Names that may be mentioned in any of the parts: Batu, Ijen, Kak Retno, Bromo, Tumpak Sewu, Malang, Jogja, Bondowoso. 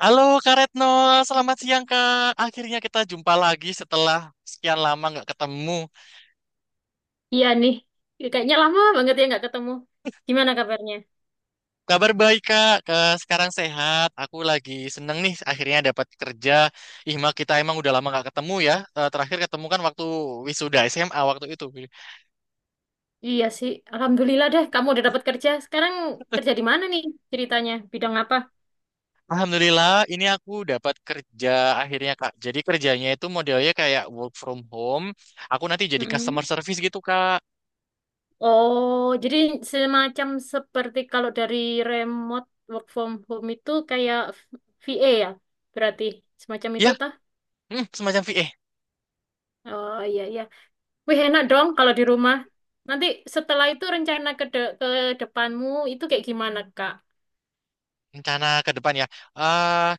Halo Kak Retno, selamat siang Kak. Akhirnya kita jumpa lagi setelah sekian lama nggak ketemu. Iya nih, kayaknya lama banget ya nggak ketemu. Gimana kabarnya? Kabar baik Kak, sekarang sehat. Aku lagi seneng nih akhirnya dapat kerja. Ih Mak, kita emang udah lama nggak ketemu ya. Terakhir ketemu kan waktu wisuda SMA waktu itu. Iya sih, alhamdulillah deh kamu udah dapat kerja. Sekarang kerja di mana nih ceritanya? Bidang apa? Alhamdulillah ini aku dapat kerja akhirnya Kak. Jadi kerjanya itu modelnya kayak work from home. Aku nanti jadi customer Mm-mm. service gitu Kak. Oh, jadi semacam seperti kalau dari remote work from home itu kayak VA ya? Berarti semacam itu Ya, tah? Semacam VA. Oh, iya, iya. Wih, enak dong kalau di rumah. Nanti setelah itu rencana ke depanmu itu kayak gimana, Kak? Rencana ke depan ya. Eh,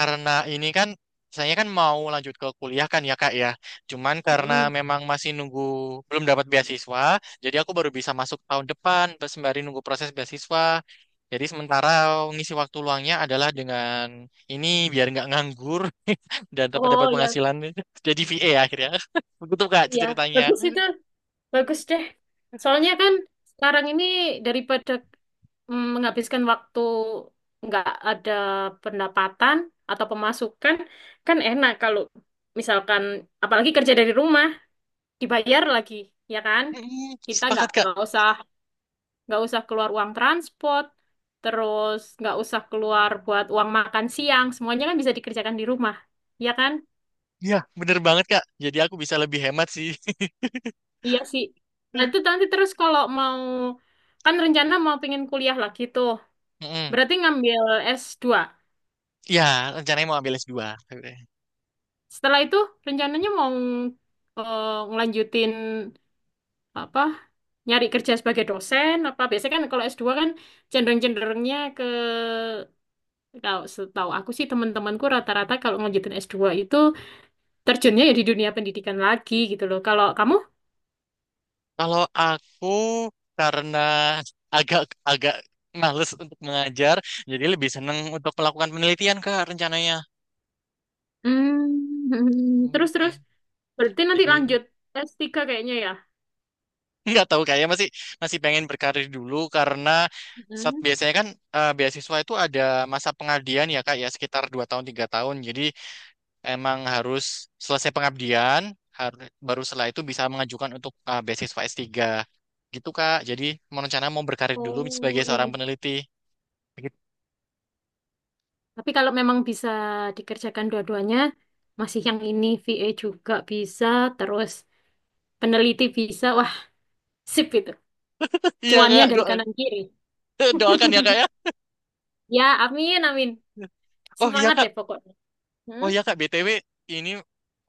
Karena ini kan saya kan mau lanjut ke kuliah kan ya Kak ya. Cuman karena Mm. memang masih nunggu belum dapat beasiswa, jadi aku baru bisa masuk tahun depan pas sembari nunggu proses beasiswa. Jadi sementara ngisi waktu luangnya adalah dengan ini biar nggak nganggur dan dapat dapat Oh, ya, penghasilan jadi VA akhirnya. Begitu Kak ya. ceritanya. Bagus itu. Bagus deh. Soalnya kan sekarang ini daripada menghabiskan waktu nggak ada pendapatan atau pemasukan, kan enak kalau misalkan apalagi kerja dari rumah dibayar lagi, ya kan? Mm, Kita nggak Sepakat Kak. nggak usah nggak usah keluar uang transport, terus nggak usah keluar buat uang makan siang, semuanya kan bisa dikerjakan di rumah, ya kan? Iya, bener banget Kak. Jadi aku bisa lebih hemat sih. Iya sih. Nah, itu nanti terus kalau mau kan rencana mau pengen kuliah lagi tuh. Mm-mm. Berarti ngambil S2. Iya, rencananya mau ambil S2. Setelah itu rencananya mau ngelanjutin apa? Nyari kerja sebagai dosen apa? Biasanya kan kalau S2 kan cenderung-cenderungnya ke kalau setahu aku sih teman-temanku rata-rata kalau ngelanjutin S2 itu terjunnya ya di dunia pendidikan lagi gitu loh. Kalau kamu? Kalau aku karena agak agak males untuk mengajar, jadi lebih seneng untuk melakukan penelitian Kak rencananya. Hmm. terus terus mm berarti nanti Jadi ini lanjut S3 kayaknya ya. nggak tahu kayaknya masih masih pengen berkarir dulu karena saat Hmm. biasanya kan beasiswa itu ada masa pengabdian ya Kak ya sekitar 2 tahun 3 tahun. Jadi emang harus selesai pengabdian harus baru setelah itu bisa mengajukan untuk beasiswa S3 gitu Kak. Jadi mau rencana mau berkarir dulu sebagai Oh, iya. seorang peneliti. Tapi kalau memang bisa dikerjakan dua-duanya, masih yang ini VA juga bisa, terus peneliti bisa, wah, sip itu. Iya Cuannya Kak, dari kanan kiri. doakan ya Kak ya. Ya, amin, amin. Oh iya Semangat kak, deh pokoknya. oh Hmm? iya kak, BTW ini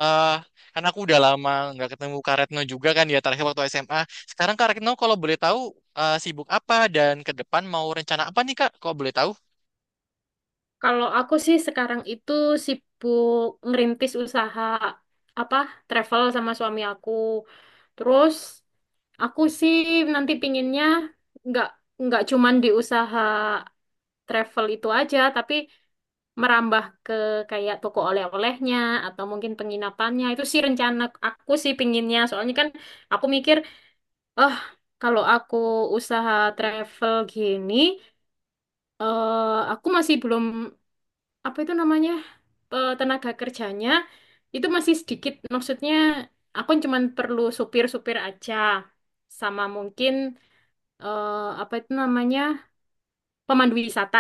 eh karena aku udah lama nggak ketemu Kak Retno juga kan ya terakhir waktu SMA. Sekarang Kak Retno kalau boleh tahu sibuk apa dan ke depan mau rencana apa nih Kak? Kalau boleh tahu? Kalau aku sih sekarang itu sibuk ngerintis usaha apa travel sama suami aku. Terus aku sih nanti pinginnya nggak nggak cuman di usaha travel itu aja, tapi merambah ke kayak toko oleh-olehnya atau mungkin penginapannya. Itu sih rencana aku sih pinginnya. Soalnya kan aku mikir, oh, kalau aku usaha travel gini, aku masih belum apa itu namanya, tenaga kerjanya itu masih sedikit. Maksudnya aku cuman perlu supir-supir aja sama mungkin eh apa itu namanya? Pemandu wisata.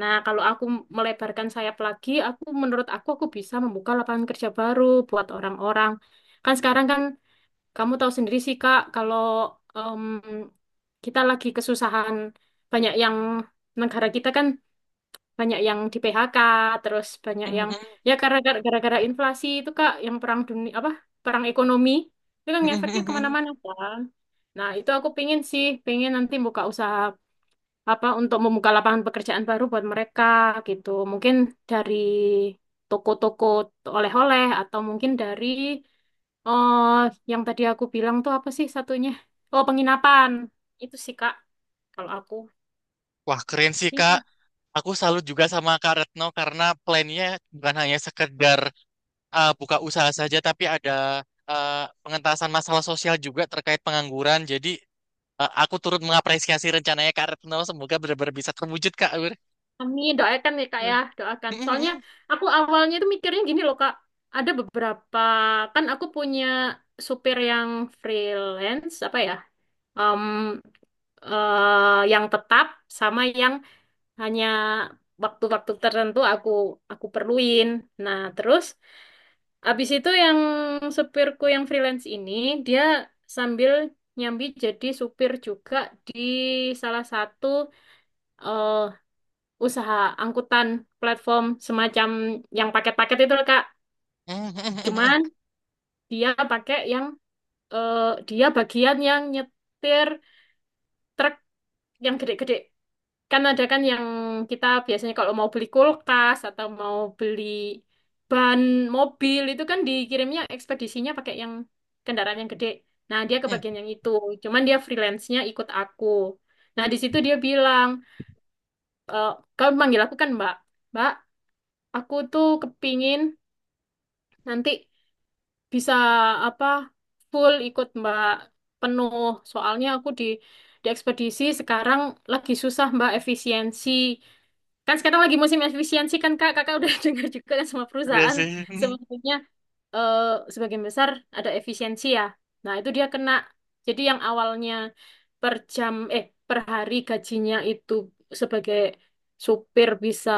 Nah, kalau aku melebarkan sayap lagi, aku menurut aku bisa membuka lapangan kerja baru buat orang-orang. Kan sekarang kan kamu tahu sendiri sih Kak, kalau em, kita lagi kesusahan, banyak yang negara kita kan banyak yang di PHK, terus banyak yang ya karena gara-gara inflasi itu Kak, yang perang dunia apa perang ekonomi itu kan ngefeknya kemana-mana kan. Nah, itu aku pingin sih, pingin nanti buka usaha apa untuk membuka lapangan pekerjaan baru buat mereka gitu. Mungkin dari toko-toko oleh-oleh atau mungkin dari oh yang tadi aku bilang tuh apa sih satunya? Oh, penginapan. Itu sih Kak kalau aku. Wah keren sih Kak. Aku salut juga sama Kak Retno karena plannya bukan hanya sekedar buka usaha saja, tapi ada eh, pengentasan masalah sosial juga terkait pengangguran. Jadi aku turut mengapresiasi rencananya Kak Retno. Semoga benar-benar bisa terwujud Kak. Amin, doakan ya Kak ya, doakan. Soalnya aku awalnya itu mikirnya gini loh Kak, ada beberapa kan aku punya supir yang freelance apa ya? em, yang tetap sama yang hanya waktu-waktu tertentu aku perluin. Nah, terus abis itu yang supirku yang freelance ini dia sambil nyambi jadi supir juga di salah satu eh, usaha angkutan platform semacam yang paket-paket itu loh, Kak. Cuman dia pakai yang eh, dia bagian yang nyetir truk yang gede-gede. Kan ada kan yang kita biasanya kalau mau beli kulkas atau mau beli ban mobil itu kan dikirimnya ekspedisinya pakai yang kendaraan yang gede. Nah, dia kebagian yang itu. Cuman dia freelance-nya ikut aku. Nah, di situ dia bilang, e, kamu manggil aku kan, Mbak. Mbak, aku tuh kepingin nanti bisa apa full ikut Mbak penuh. Soalnya aku di ekspedisi sekarang lagi susah Mbak efisiensi. Kan sekarang lagi musim efisiensi kan Kak, Kakak udah dengar juga kan semua Iya perusahaan sih. sebenarnya, eh, sebagian besar ada efisiensi ya. Nah, itu dia kena. Jadi yang awalnya per jam eh per hari gajinya itu sebagai supir bisa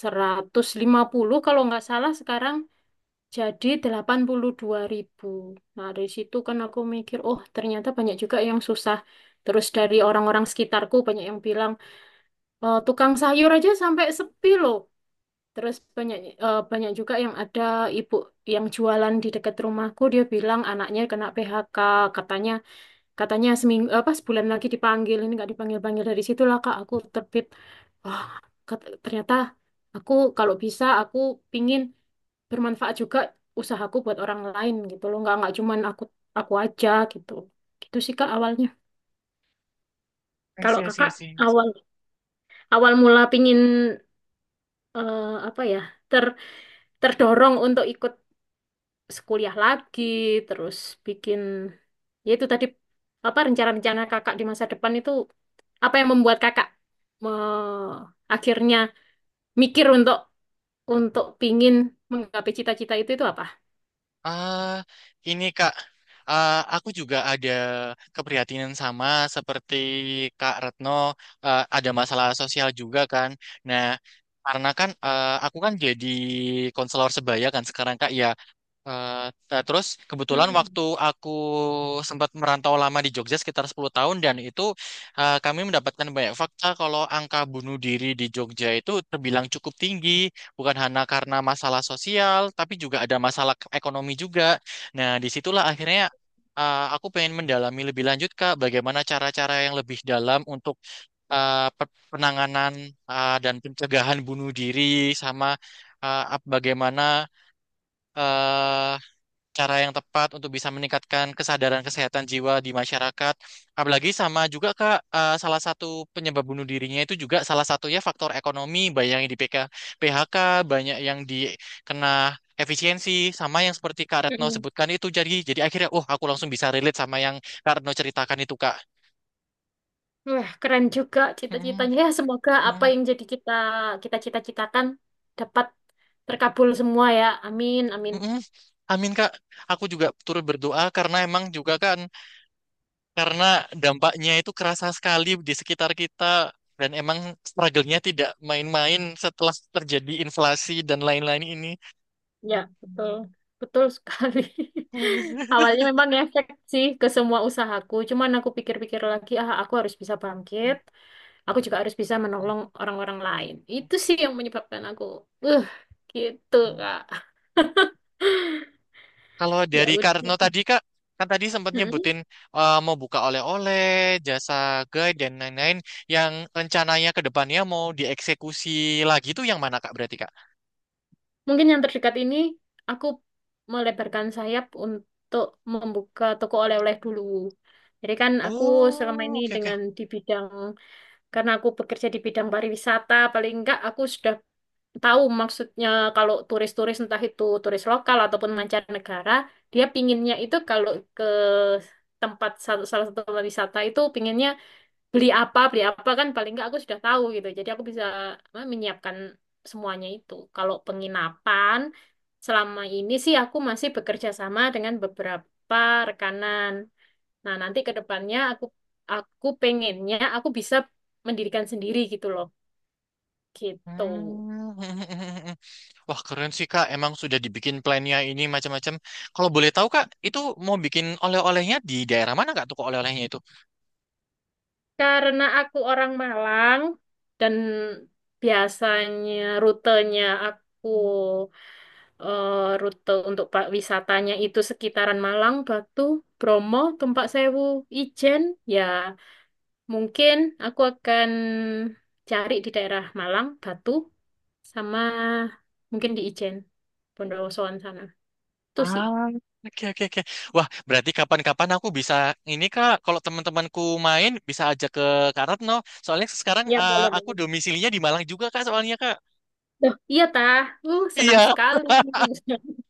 150 kalau nggak salah, sekarang jadi 82.000. Nah, dari situ kan aku mikir, oh, ternyata banyak juga yang susah. Terus dari orang-orang sekitarku banyak yang bilang, "Eh, tukang sayur aja sampai sepi loh. Terus banyak, banyak juga yang ada ibu yang jualan di dekat rumahku dia bilang anaknya kena PHK katanya katanya seminggu apa sebulan lagi dipanggil ini nggak dipanggil-panggil. Dari situlah Kak aku terbit, wah, ternyata aku kalau bisa aku pingin bermanfaat juga usahaku buat orang lain gitu loh, nggak cuman aku aja gitu gitu sih Kak awalnya. Kalau Iya sih, iya Kakak sih. awal awal mula pingin, apa ya, ter terdorong untuk ikut sekuliah lagi, terus bikin ya itu tadi apa rencana-rencana kakak di masa depan itu, apa yang membuat kakak me- akhirnya mikir untuk pingin menggapai cita-cita itu apa? Ah, ini Kak, ah, aku juga ada keprihatinan sama seperti Kak Retno. Ah, ada masalah sosial juga kan. Nah, karena kan ah, aku kan jadi konselor sebaya kan sekarang Kak. Ya, Eh, nah, terus kebetulan Mm-mm. waktu aku sempat merantau lama di Jogja sekitar 10 tahun dan itu kami mendapatkan banyak fakta kalau angka bunuh diri di Jogja itu terbilang cukup tinggi, bukan hanya karena masalah sosial, tapi juga ada masalah ekonomi juga. Nah, disitulah akhirnya aku pengen mendalami lebih lanjut, Kak, bagaimana cara-cara yang lebih dalam untuk penanganan dan pencegahan bunuh diri sama bagaimana eh, cara yang tepat untuk bisa meningkatkan kesadaran kesehatan jiwa di masyarakat. Apalagi sama juga Kak, salah satu penyebab bunuh dirinya itu juga salah satunya faktor ekonomi, banyak yang di PHK, banyak yang dikena efisiensi, sama yang seperti Kak Retno Mm-mm. sebutkan itu. Jadi akhirnya, oh aku langsung bisa relate sama yang Kak Retno ceritakan itu Kak. Wah, keren juga Mm-mm, cita-citanya. Ya, semoga apa mm-mm, yang jadi kita kita cita-citakan dapat terkabul semua ya. Amin, amin. mm-mm. Amin Kak, aku juga turut berdoa karena emang juga kan karena dampaknya itu kerasa sekali di sekitar kita dan emang struggle-nya tidak main-main setelah terjadi inflasi dan lain-lain ini. Ya, betul. Betul sekali. Awalnya memang ngefek sih ke semua usahaku, cuman aku pikir-pikir lagi, ah, aku harus bisa bangkit, aku juga harus bisa menolong orang-orang lain. Itu sih yang menyebabkan aku, uh, gitu Kak. Kalau Ya dari Karno udah. tadi Kak, kan tadi sempat Mm-mm. nyebutin mau buka oleh-oleh, jasa guide dan lain-lain yang rencananya ke depannya mau dieksekusi lagi itu yang mana Kak berarti Kak? Mungkin yang terdekat ini aku melebarkan sayap untuk membuka toko oleh-oleh dulu. Jadi kan aku selama Oh, ini oke oke. dengan di bidang, karena aku bekerja di bidang pariwisata, paling enggak aku sudah tahu maksudnya kalau turis-turis entah itu turis lokal ataupun mancanegara, dia pinginnya itu kalau ke tempat satu salah satu tempat wisata itu pinginnya beli apa kan paling enggak aku sudah tahu gitu. Jadi aku bisa apa, menyiapkan semuanya itu. Kalau penginapan selama ini sih aku masih bekerja sama dengan beberapa rekanan. Nah, nanti ke depannya aku pengennya aku bisa mendirikan sendiri gitu loh. Gitu. Hmm. Wah, keren sih, Kak. Emang sudah dibikin plannya ini macam-macam. Kalau boleh tahu, Kak, itu mau bikin oleh-olehnya di daerah mana, Kak, toko oleh-olehnya itu? Karena aku orang Malang, dan biasanya rutenya aku, rute untuk wisatanya itu sekitaran Malang, Batu, Bromo, Tumpak Sewu, Ijen, ya mungkin aku akan cari di daerah Malang, Batu, sama mungkin di Ijen, Bondowosoan sana. Itu sih. Ah, oke, oke, oke. Wah, berarti kapan-kapan aku bisa ini, Kak, kalau teman-temanku main, bisa ajak ke Kak Retno. Soalnya sekarang Ya, boleh, aku boleh. domisilinya di Malang juga, Kak, soalnya, Kak. Duh, iya tah, senang Iya. sekali.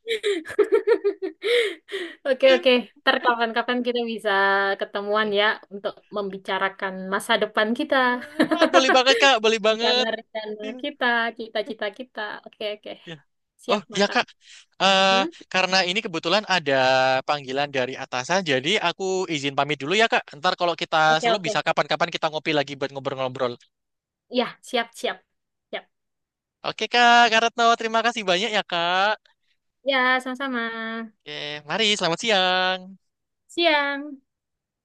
Oke, oke, ntar kapan-kapan kita bisa ketemuan ya untuk membicarakan masa depan kita, Boleh banget, Kak. Boleh banget. rencana-rencana kita, cita-cita kita. Oke, oke, Ya. Oh, siap iya, mantap. Kak. Eh, Hmm? karena ini kebetulan ada panggilan dari atasan, jadi aku izin pamit dulu ya Kak. Ntar kalau kita Oke, selalu oke, bisa kapan-kapan kita ngopi lagi buat ngobrol-ngobrol. ya, siap, siap, siap. Oke Kak, Kak Retno, terima kasih banyak ya Kak. Ya, sama-sama. Oke, mari selamat siang. Siang.